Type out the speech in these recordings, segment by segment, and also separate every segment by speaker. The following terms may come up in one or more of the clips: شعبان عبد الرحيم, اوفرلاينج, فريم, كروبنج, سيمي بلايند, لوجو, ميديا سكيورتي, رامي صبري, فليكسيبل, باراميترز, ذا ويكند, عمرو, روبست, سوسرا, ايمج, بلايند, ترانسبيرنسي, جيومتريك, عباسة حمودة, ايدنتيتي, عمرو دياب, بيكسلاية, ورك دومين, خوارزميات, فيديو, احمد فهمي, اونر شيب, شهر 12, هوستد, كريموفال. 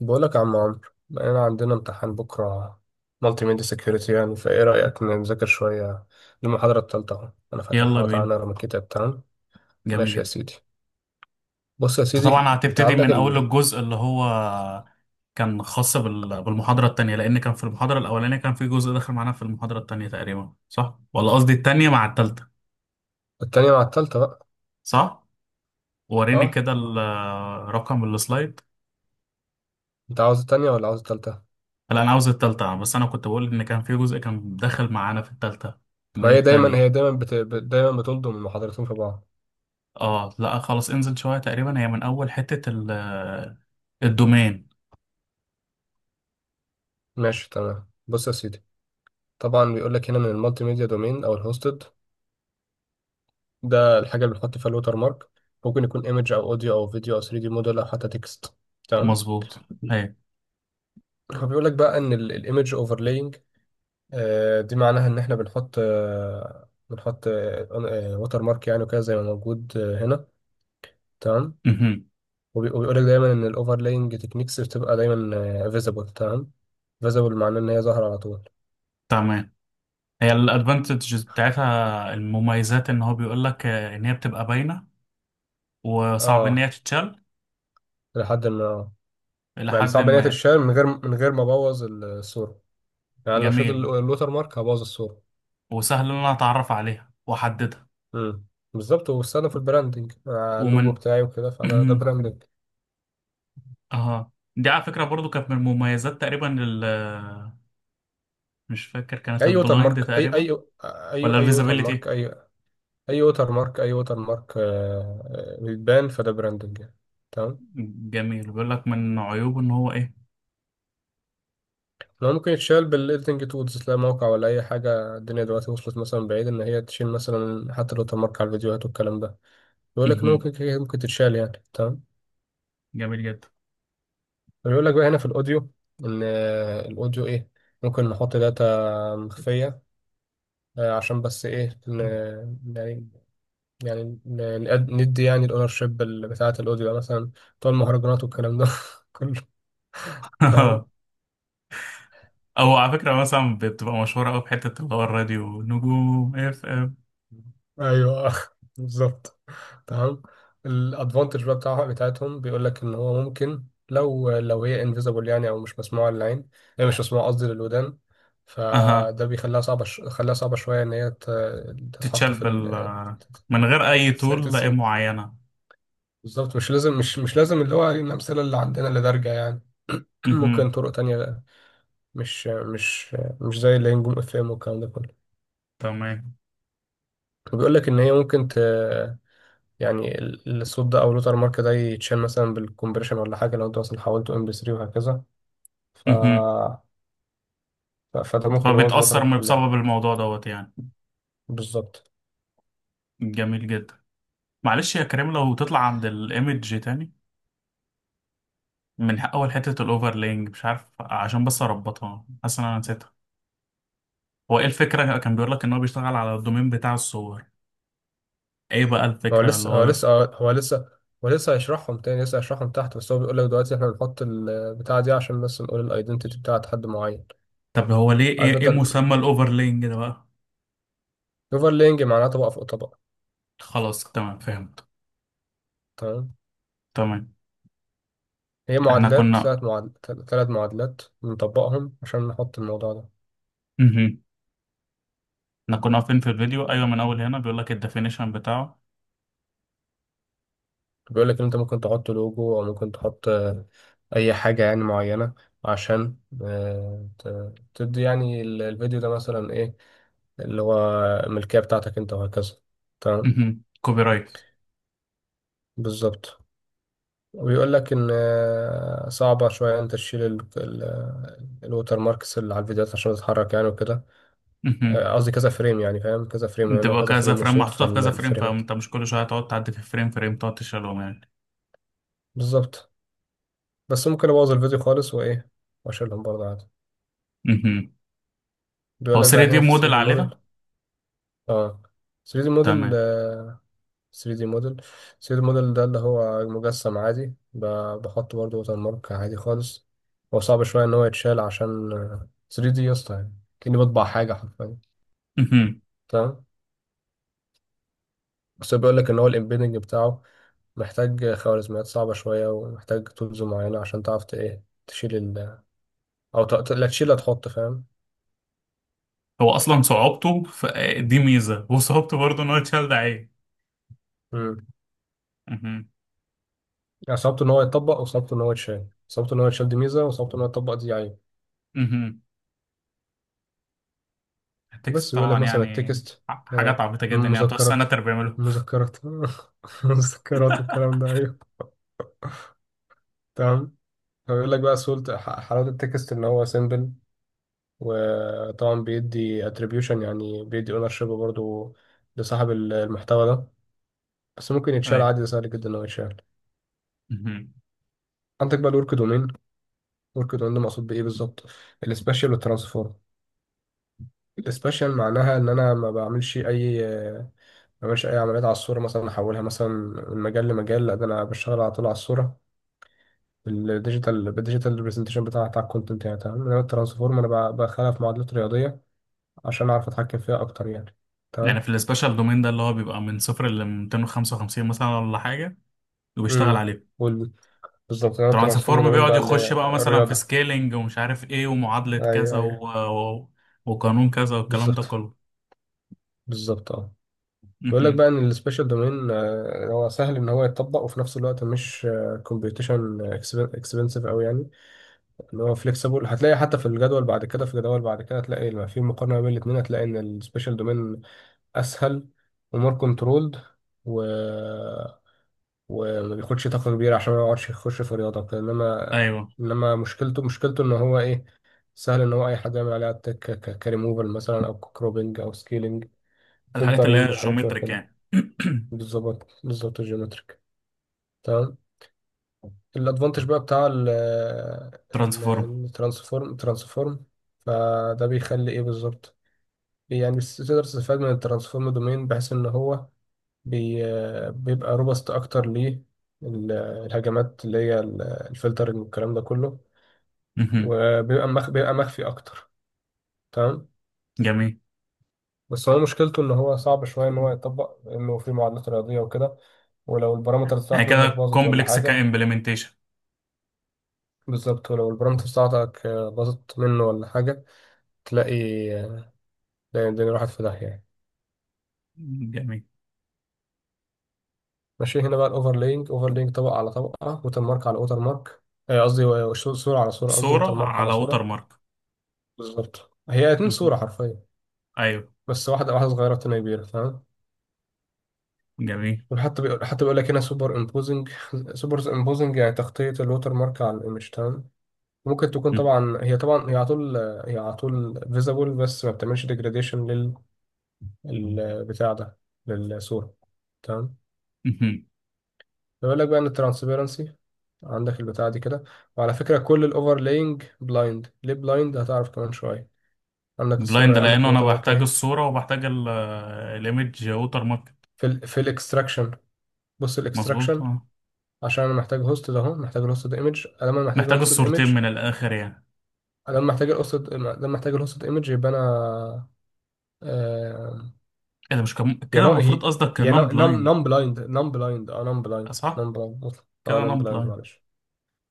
Speaker 1: بقولك يا عم عمرو، انا عندنا امتحان بكره مالتي ميديا سكيورتي. يعني فايه رايك نذاكر شويه للمحاضره التالتة؟ اهو انا
Speaker 2: يلا
Speaker 1: فاتحها وتعالى
Speaker 2: بينا.
Speaker 1: نقرا من الكتاب. تمام،
Speaker 2: جميل
Speaker 1: ماشي يا
Speaker 2: جدا.
Speaker 1: سيدي. بص يا
Speaker 2: انت
Speaker 1: سيدي،
Speaker 2: طبعا
Speaker 1: انت
Speaker 2: هتبتدي
Speaker 1: عندك
Speaker 2: من اول الجزء اللي هو كان خاص بالمحاضرة التانية، لان كان في المحاضرة الاولانية كان في جزء داخل معانا في المحاضرة التانية تقريبا، صح؟ ولا قصدي التانية مع التالتة.
Speaker 1: التانية مع التالتة بقى.
Speaker 2: صح. وريني
Speaker 1: اه
Speaker 2: كده رقم السلايد.
Speaker 1: انت عاوز التانية ولا عاوز التالتة؟
Speaker 2: لا انا عاوز التالتة، بس انا كنت بقول ان كان في جزء كان داخل معانا في التالتة
Speaker 1: ما
Speaker 2: من
Speaker 1: هي دايما،
Speaker 2: التاني.
Speaker 1: دايما بتلضم المحاضرتين في بعض.
Speaker 2: اه لا خلاص، انزل شوية، تقريبا هي من اول حتة الدومين.
Speaker 1: ماشي تمام، بص يا سيدي. طبعا بيقول لك هنا من المالتي ميديا دومين او الهوستد، ده الحاجه اللي بنحط فيها الوتر مارك. ممكن يكون ايمج او اوديو او فيديو او 3D موديل دي موديل او حتى تكست، تمام.
Speaker 2: مظبوط. هي
Speaker 1: هو بيقول لك بقى ان الايمج اوفرلاينج دي معناها ان احنا بنحط بنحط ووتر مارك، يعني وكده زي ما موجود هنا، تمام.
Speaker 2: مهم.
Speaker 1: وبيقول لك دايما ان الاوفرلاينج تكنيكس بتبقى دايما فيزبل، تمام. فيزبل معناه ان هي ظاهره على طول.
Speaker 2: تمام. هي الادفانتجز بتاعتها المميزات ان هو بيقول لك ان هي بتبقى باينه وصعب ان هي
Speaker 1: اه،
Speaker 2: تتشال
Speaker 1: لحد ما.
Speaker 2: الى
Speaker 1: يعني
Speaker 2: حد
Speaker 1: صعب ان هي
Speaker 2: ما.
Speaker 1: تتشال من غير، ما ابوظ الصوره. يعني لو شلت
Speaker 2: جميل،
Speaker 1: الوتر مارك هبوظ الصوره.
Speaker 2: وسهل ان انا اتعرف عليها واحددها.
Speaker 1: امم، بالظبط. وبستخدم في البراندنج مع اللوجو
Speaker 2: ومن
Speaker 1: بتاعي وكده، فده ده براندنج.
Speaker 2: اه، دي على فكره برضو كانت من المميزات تقريبا ال، مش فاكر، كانت
Speaker 1: اي ووتر
Speaker 2: البلايند
Speaker 1: مارك، اي
Speaker 2: تقريبا
Speaker 1: اي اي
Speaker 2: ولا
Speaker 1: اي ووتر مارك،
Speaker 2: الفيزابيليتي.
Speaker 1: اي ووتر مارك، اي ووتر مارك بيتبان، فده براندنج يعني، تمام.
Speaker 2: جميل. بيقول لك من عيوبه ان هو ايه.
Speaker 1: لو ممكن يتشال بالايديتنج تولز، لا موقع ولا اي حاجه. الدنيا دلوقتي وصلت مثلا بعيد ان هي تشيل مثلا حتى الووتر مارك على الفيديوهات والكلام ده. بيقول لك ان ممكن ممكن تتشال يعني، تمام.
Speaker 2: جميل جدا.
Speaker 1: بيقول لك بقى هنا في الاوديو ان الاوديو ايه، ممكن نحط داتا مخفيه، عشان بس ايه يعني، يعني ندي يعني الاونر شيب بتاعة الاوديو، مثلا بتوع المهرجانات والكلام ده كله، تمام.
Speaker 2: او على فكره مثلا بتبقى مشهوره قوي في حته اللي هو الراديو نجوم اف ام.
Speaker 1: ايوه بالظبط، تمام. الادفانتج بقى بتاعها بتاعتهم، بيقول لك ان هو ممكن لو هي انفيزبل يعني، او مش مسموعه للعين، هي مش مسموعه قصدي للودان.
Speaker 2: اها.
Speaker 1: فده بيخليها خليها صعبه شويه ان هي تتحط
Speaker 2: تتشال
Speaker 1: في
Speaker 2: بال، من غير أي طول لأ
Speaker 1: تتسمع.
Speaker 2: معينة.
Speaker 1: بالظبط، مش لازم، مش لازم اللي هو الامثله اللي عندنا اللي دارجه يعني. ممكن
Speaker 2: مهم.
Speaker 1: طرق تانية، مش مش مش زي اللي هي نجوم اف ام والكلام ده كله.
Speaker 2: تمام.
Speaker 1: بيقول لك ان هي ممكن ت، يعني الصوت ده او اللوتر مارك ده يتشال مثلا بالكمبريشن ولا حاجه، لو انت مثلا حولته ام بي MP3 وهكذا. ف...
Speaker 2: مهم.
Speaker 1: فده ممكن يبوظ اللوتر
Speaker 2: فبتأثر
Speaker 1: مارك كلها.
Speaker 2: بسبب الموضوع دوت يعني.
Speaker 1: بالظبط.
Speaker 2: جميل جدا. معلش يا كريم، لو تطلع عند الإيمج تاني من أول حتة الأوفرلينج، مش عارف، عشان بس أربطها، حاسس إن أنا نسيتها. هو إيه الفكرة؟ كان بيقول لك إن هو بيشتغل على الدومين بتاع الصور. إيه بقى
Speaker 1: هو
Speaker 2: الفكرة اللي
Speaker 1: لسه هو
Speaker 2: هو؟
Speaker 1: لسه هو لسه هو لسه هيشرحهم تاني، لسه هيشرحهم تحت، بس هو بيقول لك دلوقتي احنا بنحط البتاعه دي عشان بس نقول الايدنتيتي بتاعت حد معين.
Speaker 2: طب هو ليه
Speaker 1: عارف
Speaker 2: إيه
Speaker 1: انت،
Speaker 2: مسمى الأوفرلينج ده بقى؟
Speaker 1: الاوفرلينج معناه طبقه فوق طبقه،
Speaker 2: خلاص تمام، فهمت.
Speaker 1: تمام.
Speaker 2: تمام.
Speaker 1: هي
Speaker 2: إحنا
Speaker 1: معادلات،
Speaker 2: كنا،
Speaker 1: ثلاث معادلات ثلاث معادلات بنطبقهم عشان نحط الموضوع ده.
Speaker 2: احنا كنا واقفين في الفيديو، ايوه، من اول هنا بيقول لك الديفينيشن بتاعه.
Speaker 1: بيقول لك ان انت ممكن تحط لوجو او ممكن تحط اي حاجة يعني معينة، عشان تدي يعني الفيديو ده مثلا ايه، اللي هو الملكية بتاعتك انت وهكذا، تمام.
Speaker 2: مهم. كوبي رايت.
Speaker 1: بالظبط. وبيقول لك ان صعبة شوية انت تشيل الوتر ماركس اللي على الفيديوهات عشان تتحرك يعني وكده.
Speaker 2: مهم.
Speaker 1: قصدي كذا فريم يعني، فاهم كذا فريم، لانه
Speaker 2: بتبقى
Speaker 1: كذا
Speaker 2: كذا
Speaker 1: فريم
Speaker 2: فريم
Speaker 1: وصوت
Speaker 2: محطوطه في كذا فريم،
Speaker 1: فالفريمات.
Speaker 2: فانت مش كل شويه هتقعد تعدي في فريم تقعد تشيلهم يعني.
Speaker 1: بالظبط. بس ممكن ابوظ الفيديو خالص، وايه واشيلهم برضه عادي.
Speaker 2: مهم.
Speaker 1: بيقول
Speaker 2: هو
Speaker 1: لك بقى
Speaker 2: 3 دي
Speaker 1: هنا في
Speaker 2: موديل
Speaker 1: 3D موديل.
Speaker 2: علينا.
Speaker 1: اه، 3D موديل
Speaker 2: تمام.
Speaker 1: 3D موديل 3D موديل ده اللي هو مجسم عادي، بحط برضه وتر مارك عادي خالص. هو صعب شوية ان هو يتشال عشان 3D يا اسطى يعني، كأني بطبع حاجة حرفيا،
Speaker 2: مهم.
Speaker 1: تمام. بس هو بيقول لك ان هو الامبيدنج بتاعه محتاج خوارزميات صعبة شوية، ومحتاج تولز معينة عشان تعرف ايه تشيل ال، او لا تشيل لا تحط، فاهم.
Speaker 2: هو اصلا صعوبته دي ميزه، وصعوبته برضه ان هو يتشال، ده عيب. مهم.
Speaker 1: صعبته ان هو يتطبق وصعبته ان هو يتشال. صعبته ان هو يتشال دي ميزه، وصعبته ان هو يتطبق دي عيب.
Speaker 2: مهم. التكست
Speaker 1: بس بيقول لك
Speaker 2: طبعا
Speaker 1: مثلا
Speaker 2: يعني،
Speaker 1: التكست،
Speaker 2: حاجات
Speaker 1: آه،
Speaker 2: عبيطه جدا يعني، بتوع
Speaker 1: المذكرات،
Speaker 2: السناتر بيعملوا.
Speaker 1: المذكرات المذكرات والكلام ده، ايوه تمام. فبيقول لك بقى سهولة، حلاوة التكست ان هو سيمبل، وطبعا بيدي اتريبيوشن يعني بيدي اونر شيب برضه لصاحب المحتوى ده. بس ممكن يتشال
Speaker 2: ايوه.
Speaker 1: عادي، ده سهل جدا ان هو يتشال.
Speaker 2: مهم.
Speaker 1: عندك بقى الورك دومين. الورك دومين ده مقصود بايه بالظبط؟ السبيشال والترانسفورم. السبيشال معناها ان انا ما بعملش ما بعملش اي عمليات على الصوره، مثلا احولها مثلا من مجال لمجال، لا ده انا بشتغل على طول على الصوره. بالديجيتال، ريبرزنتيشن بتاع الكونتنت يعني، تمام. انما الترانسفورم انا بخلها في معادلات رياضيه عشان اعرف اتحكم فيها اكتر يعني،
Speaker 2: يعني
Speaker 1: تمام.
Speaker 2: في السبيشال دومين ده اللي هو بيبقى من صفر ل 255 مثلا ولا حاجه، وبيشتغل
Speaker 1: امم،
Speaker 2: عليه.
Speaker 1: وال- بالظبط. انا الترانسفورم
Speaker 2: ترانسفورم
Speaker 1: دومين
Speaker 2: بيقعد
Speaker 1: بقى اللي هي
Speaker 2: يخش بقى مثلا في
Speaker 1: الرياضه.
Speaker 2: سكيلينج ومش عارف ايه ومعادلة كذا
Speaker 1: ايوه.
Speaker 2: و... و... وقانون كذا والكلام ده
Speaker 1: بالظبط،
Speaker 2: كله.
Speaker 1: اه. بيقول لك
Speaker 2: مهم.
Speaker 1: بقى ان السبيشال دومين هو سهل ان هو يتطبق، وفي نفس الوقت مش كومبيوتيشن اكسبنسيف قوي يعني، اللي هو فليكسيبل. هتلاقي حتى في الجدول بعد كده، في جدول بعد كده هتلاقي لما في مقارنة بين الاثنين هتلاقي ان السبيشال دومين اسهل، ومور كنترولد، و وما بياخدش طاقة كبيرة عشان ما يقعدش يخش في رياضة وكده. انما
Speaker 2: ايوه.
Speaker 1: انما مشكلته ان هو ايه، سهل ان هو اي حد يعمل عليها اتاك، كريموفال مثلا او كروبنج او سكيلينج،
Speaker 2: الحاجات اللي هي
Speaker 1: فلترنج وحاجات شبه
Speaker 2: الجيومتريك
Speaker 1: كده.
Speaker 2: يعني.
Speaker 1: بالظبط، الجيومتريك، تمام. الادفانتج بقى بتاع ال، ال-
Speaker 2: ترانسفورم.
Speaker 1: الترانسفورم، فده بيخلي ايه بالظبط، يعني تقدر تستفاد من الترانسفورم دومين بحيث ان هو بي بيبقى روبست اكتر ليه، الهجمات اللي هي الفلترنج والكلام ده كله.
Speaker 2: مهم.
Speaker 1: وبيبقى مخ بيبقى مخفي اكتر، تمام.
Speaker 2: جميل.
Speaker 1: بس هو مشكلته ان هو صعب شويه ان هو يطبق، انه في معادلات رياضيه وكده، ولو البارامترز
Speaker 2: يعني
Speaker 1: بتاعته منك
Speaker 2: كده
Speaker 1: باظت ولا
Speaker 2: كومبلكس
Speaker 1: حاجه.
Speaker 2: كامبلمنتيشن.
Speaker 1: بالظبط، ولو البارامترز بتاعتك باظت منه ولا حاجه، تلاقي تلاقي الدنيا راحت في داهية يعني.
Speaker 2: جميل.
Speaker 1: ماشي. هنا بقى الأوفرلينج، أوفرلينج طبقة على طبقة، ووتر مارك على ووتر مارك. قصدي صورة على صورة، قصدي ووتر
Speaker 2: صورة
Speaker 1: مارك على
Speaker 2: على ووتر
Speaker 1: صورة.
Speaker 2: مارك.
Speaker 1: بالظبط، هي اتنين
Speaker 2: مهم.
Speaker 1: صورة حرفيا،
Speaker 2: ايوه.
Speaker 1: بس واحدة واحدة صغيرة والتانية كبيرة، فاهم.
Speaker 2: جميل.
Speaker 1: وحتى بيقول حتى بيقول لك هنا سوبر امبوزنج. سوبر امبوزنج يعني تغطية الووتر مارك على الايمج، تمام. ممكن تكون، طبعا هي على طول، هي على طول فيزابل، بس ما بتعملش ديجراديشن للبتاع ده، للصورة، تمام. بيقول لك بقى ان الترانسبيرنسي، عندك البتاع دي كده. وعلى فكرة كل الاوفرلاينج بلايند. ليه بلايند؟ هتعرف كمان شوية. عندك
Speaker 2: بلايند
Speaker 1: الصورة، عندك
Speaker 2: لانه انا
Speaker 1: الووتر مارك
Speaker 2: بحتاج
Speaker 1: اهي.
Speaker 2: الصورة وبحتاج الايمج ووتر مارك.
Speaker 1: في الاكستراكشن. بص
Speaker 2: مظبوط،
Speaker 1: الاكستراكشن،
Speaker 2: اه.
Speaker 1: عشان انا محتاج هوست ده اهو، محتاج الهوستد ايمج.
Speaker 2: محتاج الصورتين من الاخر يعني.
Speaker 1: لما محتاج الهوستد ايمج يبقى انا آه...
Speaker 2: ايه ده مش
Speaker 1: هي
Speaker 2: كده
Speaker 1: نو هي
Speaker 2: المفروض قصدك
Speaker 1: هي
Speaker 2: نون
Speaker 1: نم
Speaker 2: بلايند.
Speaker 1: نم بلايند نم بلايند اه نم بلايند
Speaker 2: صح،
Speaker 1: نم بلايند اه
Speaker 2: كده
Speaker 1: نم
Speaker 2: نون
Speaker 1: بلايند
Speaker 2: بلايند.
Speaker 1: معلش،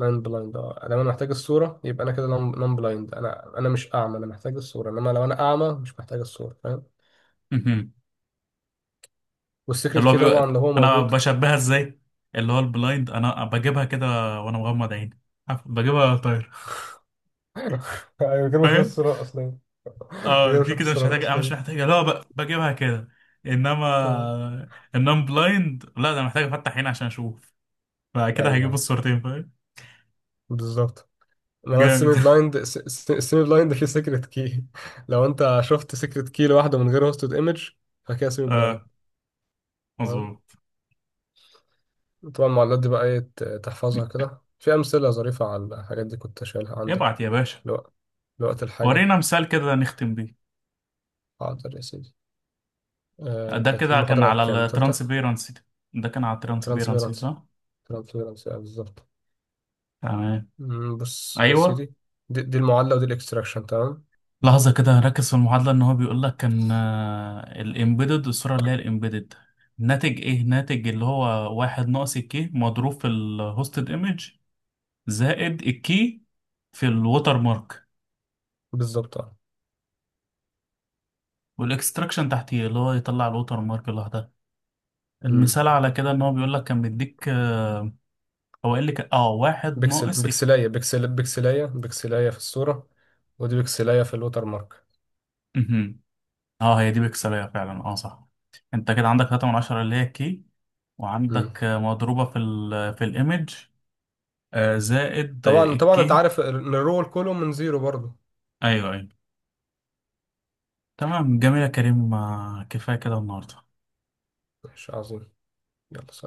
Speaker 1: نان بلايند. اه لما انا محتاج الصورة يبقى انا كده نان بلايند، انا مش اعمى، انا محتاج الصورة. انما لو انا اعمى مش محتاج الصورة، فاهم. والسيكريت
Speaker 2: اللي هو
Speaker 1: كي طبعا
Speaker 2: بيبقى
Speaker 1: لو هو
Speaker 2: انا
Speaker 1: موجود.
Speaker 2: بشبهها ازاي. اللي هو البلايند انا بجيبها كده وانا مغمض عيني، عارف، بجيبها طاير.
Speaker 1: ايوه، من غير ما اشوف
Speaker 2: فاهم.
Speaker 1: الصورة الاصلية، من غير
Speaker 2: اه،
Speaker 1: ما
Speaker 2: دي
Speaker 1: اشوف
Speaker 2: كده مش
Speaker 1: الصورة
Speaker 2: محتاجه، انا مش
Speaker 1: الاصلية
Speaker 2: محتاجه، لا بجيبها كده.
Speaker 1: آه.
Speaker 2: انما النون بلايند لا، ده أنا محتاج افتح عيني عشان اشوف. فكده هجيب
Speaker 1: ايوه
Speaker 2: الصورتين فاهم.
Speaker 1: بالظبط. انما
Speaker 2: جامد.
Speaker 1: السيمي بلايند، السيمي بلايند فيه سيكريت كي. لو انت شفت سيكريت كي لوحده من غير هوستد ايمج، فكده سيمي بلايند،
Speaker 2: اه،
Speaker 1: تمام.
Speaker 2: مظبوط.
Speaker 1: طبعا المعادلات دي بقى ايه، تحفظها كده. في امثله ظريفه على الحاجات دي كنت شايلها عندي،
Speaker 2: ابعت يا باشا.
Speaker 1: لو- لوقت الحاجه.
Speaker 2: ورينا مثال كده نختم بيه.
Speaker 1: حاضر يا سيدي. آه
Speaker 2: ده
Speaker 1: كانت
Speaker 2: كده كان
Speaker 1: المحاضرة
Speaker 2: على
Speaker 1: كام، تالتة؟
Speaker 2: الترانسبيرنسي. ده كان على الترانسبيرنسي
Speaker 1: ترانسفيرنس،
Speaker 2: صح؟
Speaker 1: آه بالظبط.
Speaker 2: تمام.
Speaker 1: مم، بص يا
Speaker 2: ايوه.
Speaker 1: سيدي، دي المعادلة ودي الاكستراكشن، تمام.
Speaker 2: لحظة كده، ركز في المعادلة. ان هو بيقول لك كان الامبيدد، الصورة اللي هي الامبيدد، ناتج ايه؟ ناتج اللي هو واحد ناقص الكي مضروب في الهوستد ايمج، زائد الكي في الوتر مارك.
Speaker 1: بالظبط اه.
Speaker 2: والاكستراكشن تحتيه اللي هو يطلع الوتر مارك لوحدها.
Speaker 1: مم،
Speaker 2: المثال على كده ان هو بيقول لك كان بيديك آه، هو قال لك اه واحد ناقص
Speaker 1: بيكسلاية، بيكسلاية في الصورة، ودي بيكسلاية في الوتر مارك.
Speaker 2: ايه. اه هي دي بيكسلية فعلا، اه صح. انت كده عندك 3 من 10 اللي هي الكي،
Speaker 1: مم.
Speaker 2: وعندك آه، مضروبة في ال، في الايمج، آه، زائد آه،
Speaker 1: طبعا انت
Speaker 2: الكي.
Speaker 1: عارف ان الرول كله من زيرو برضه.
Speaker 2: ايوه ايوه. تمام جميل يا كريم، آه، كفاية كده النهاردة.
Speaker 1: ماشي عظيم، يلا سلام.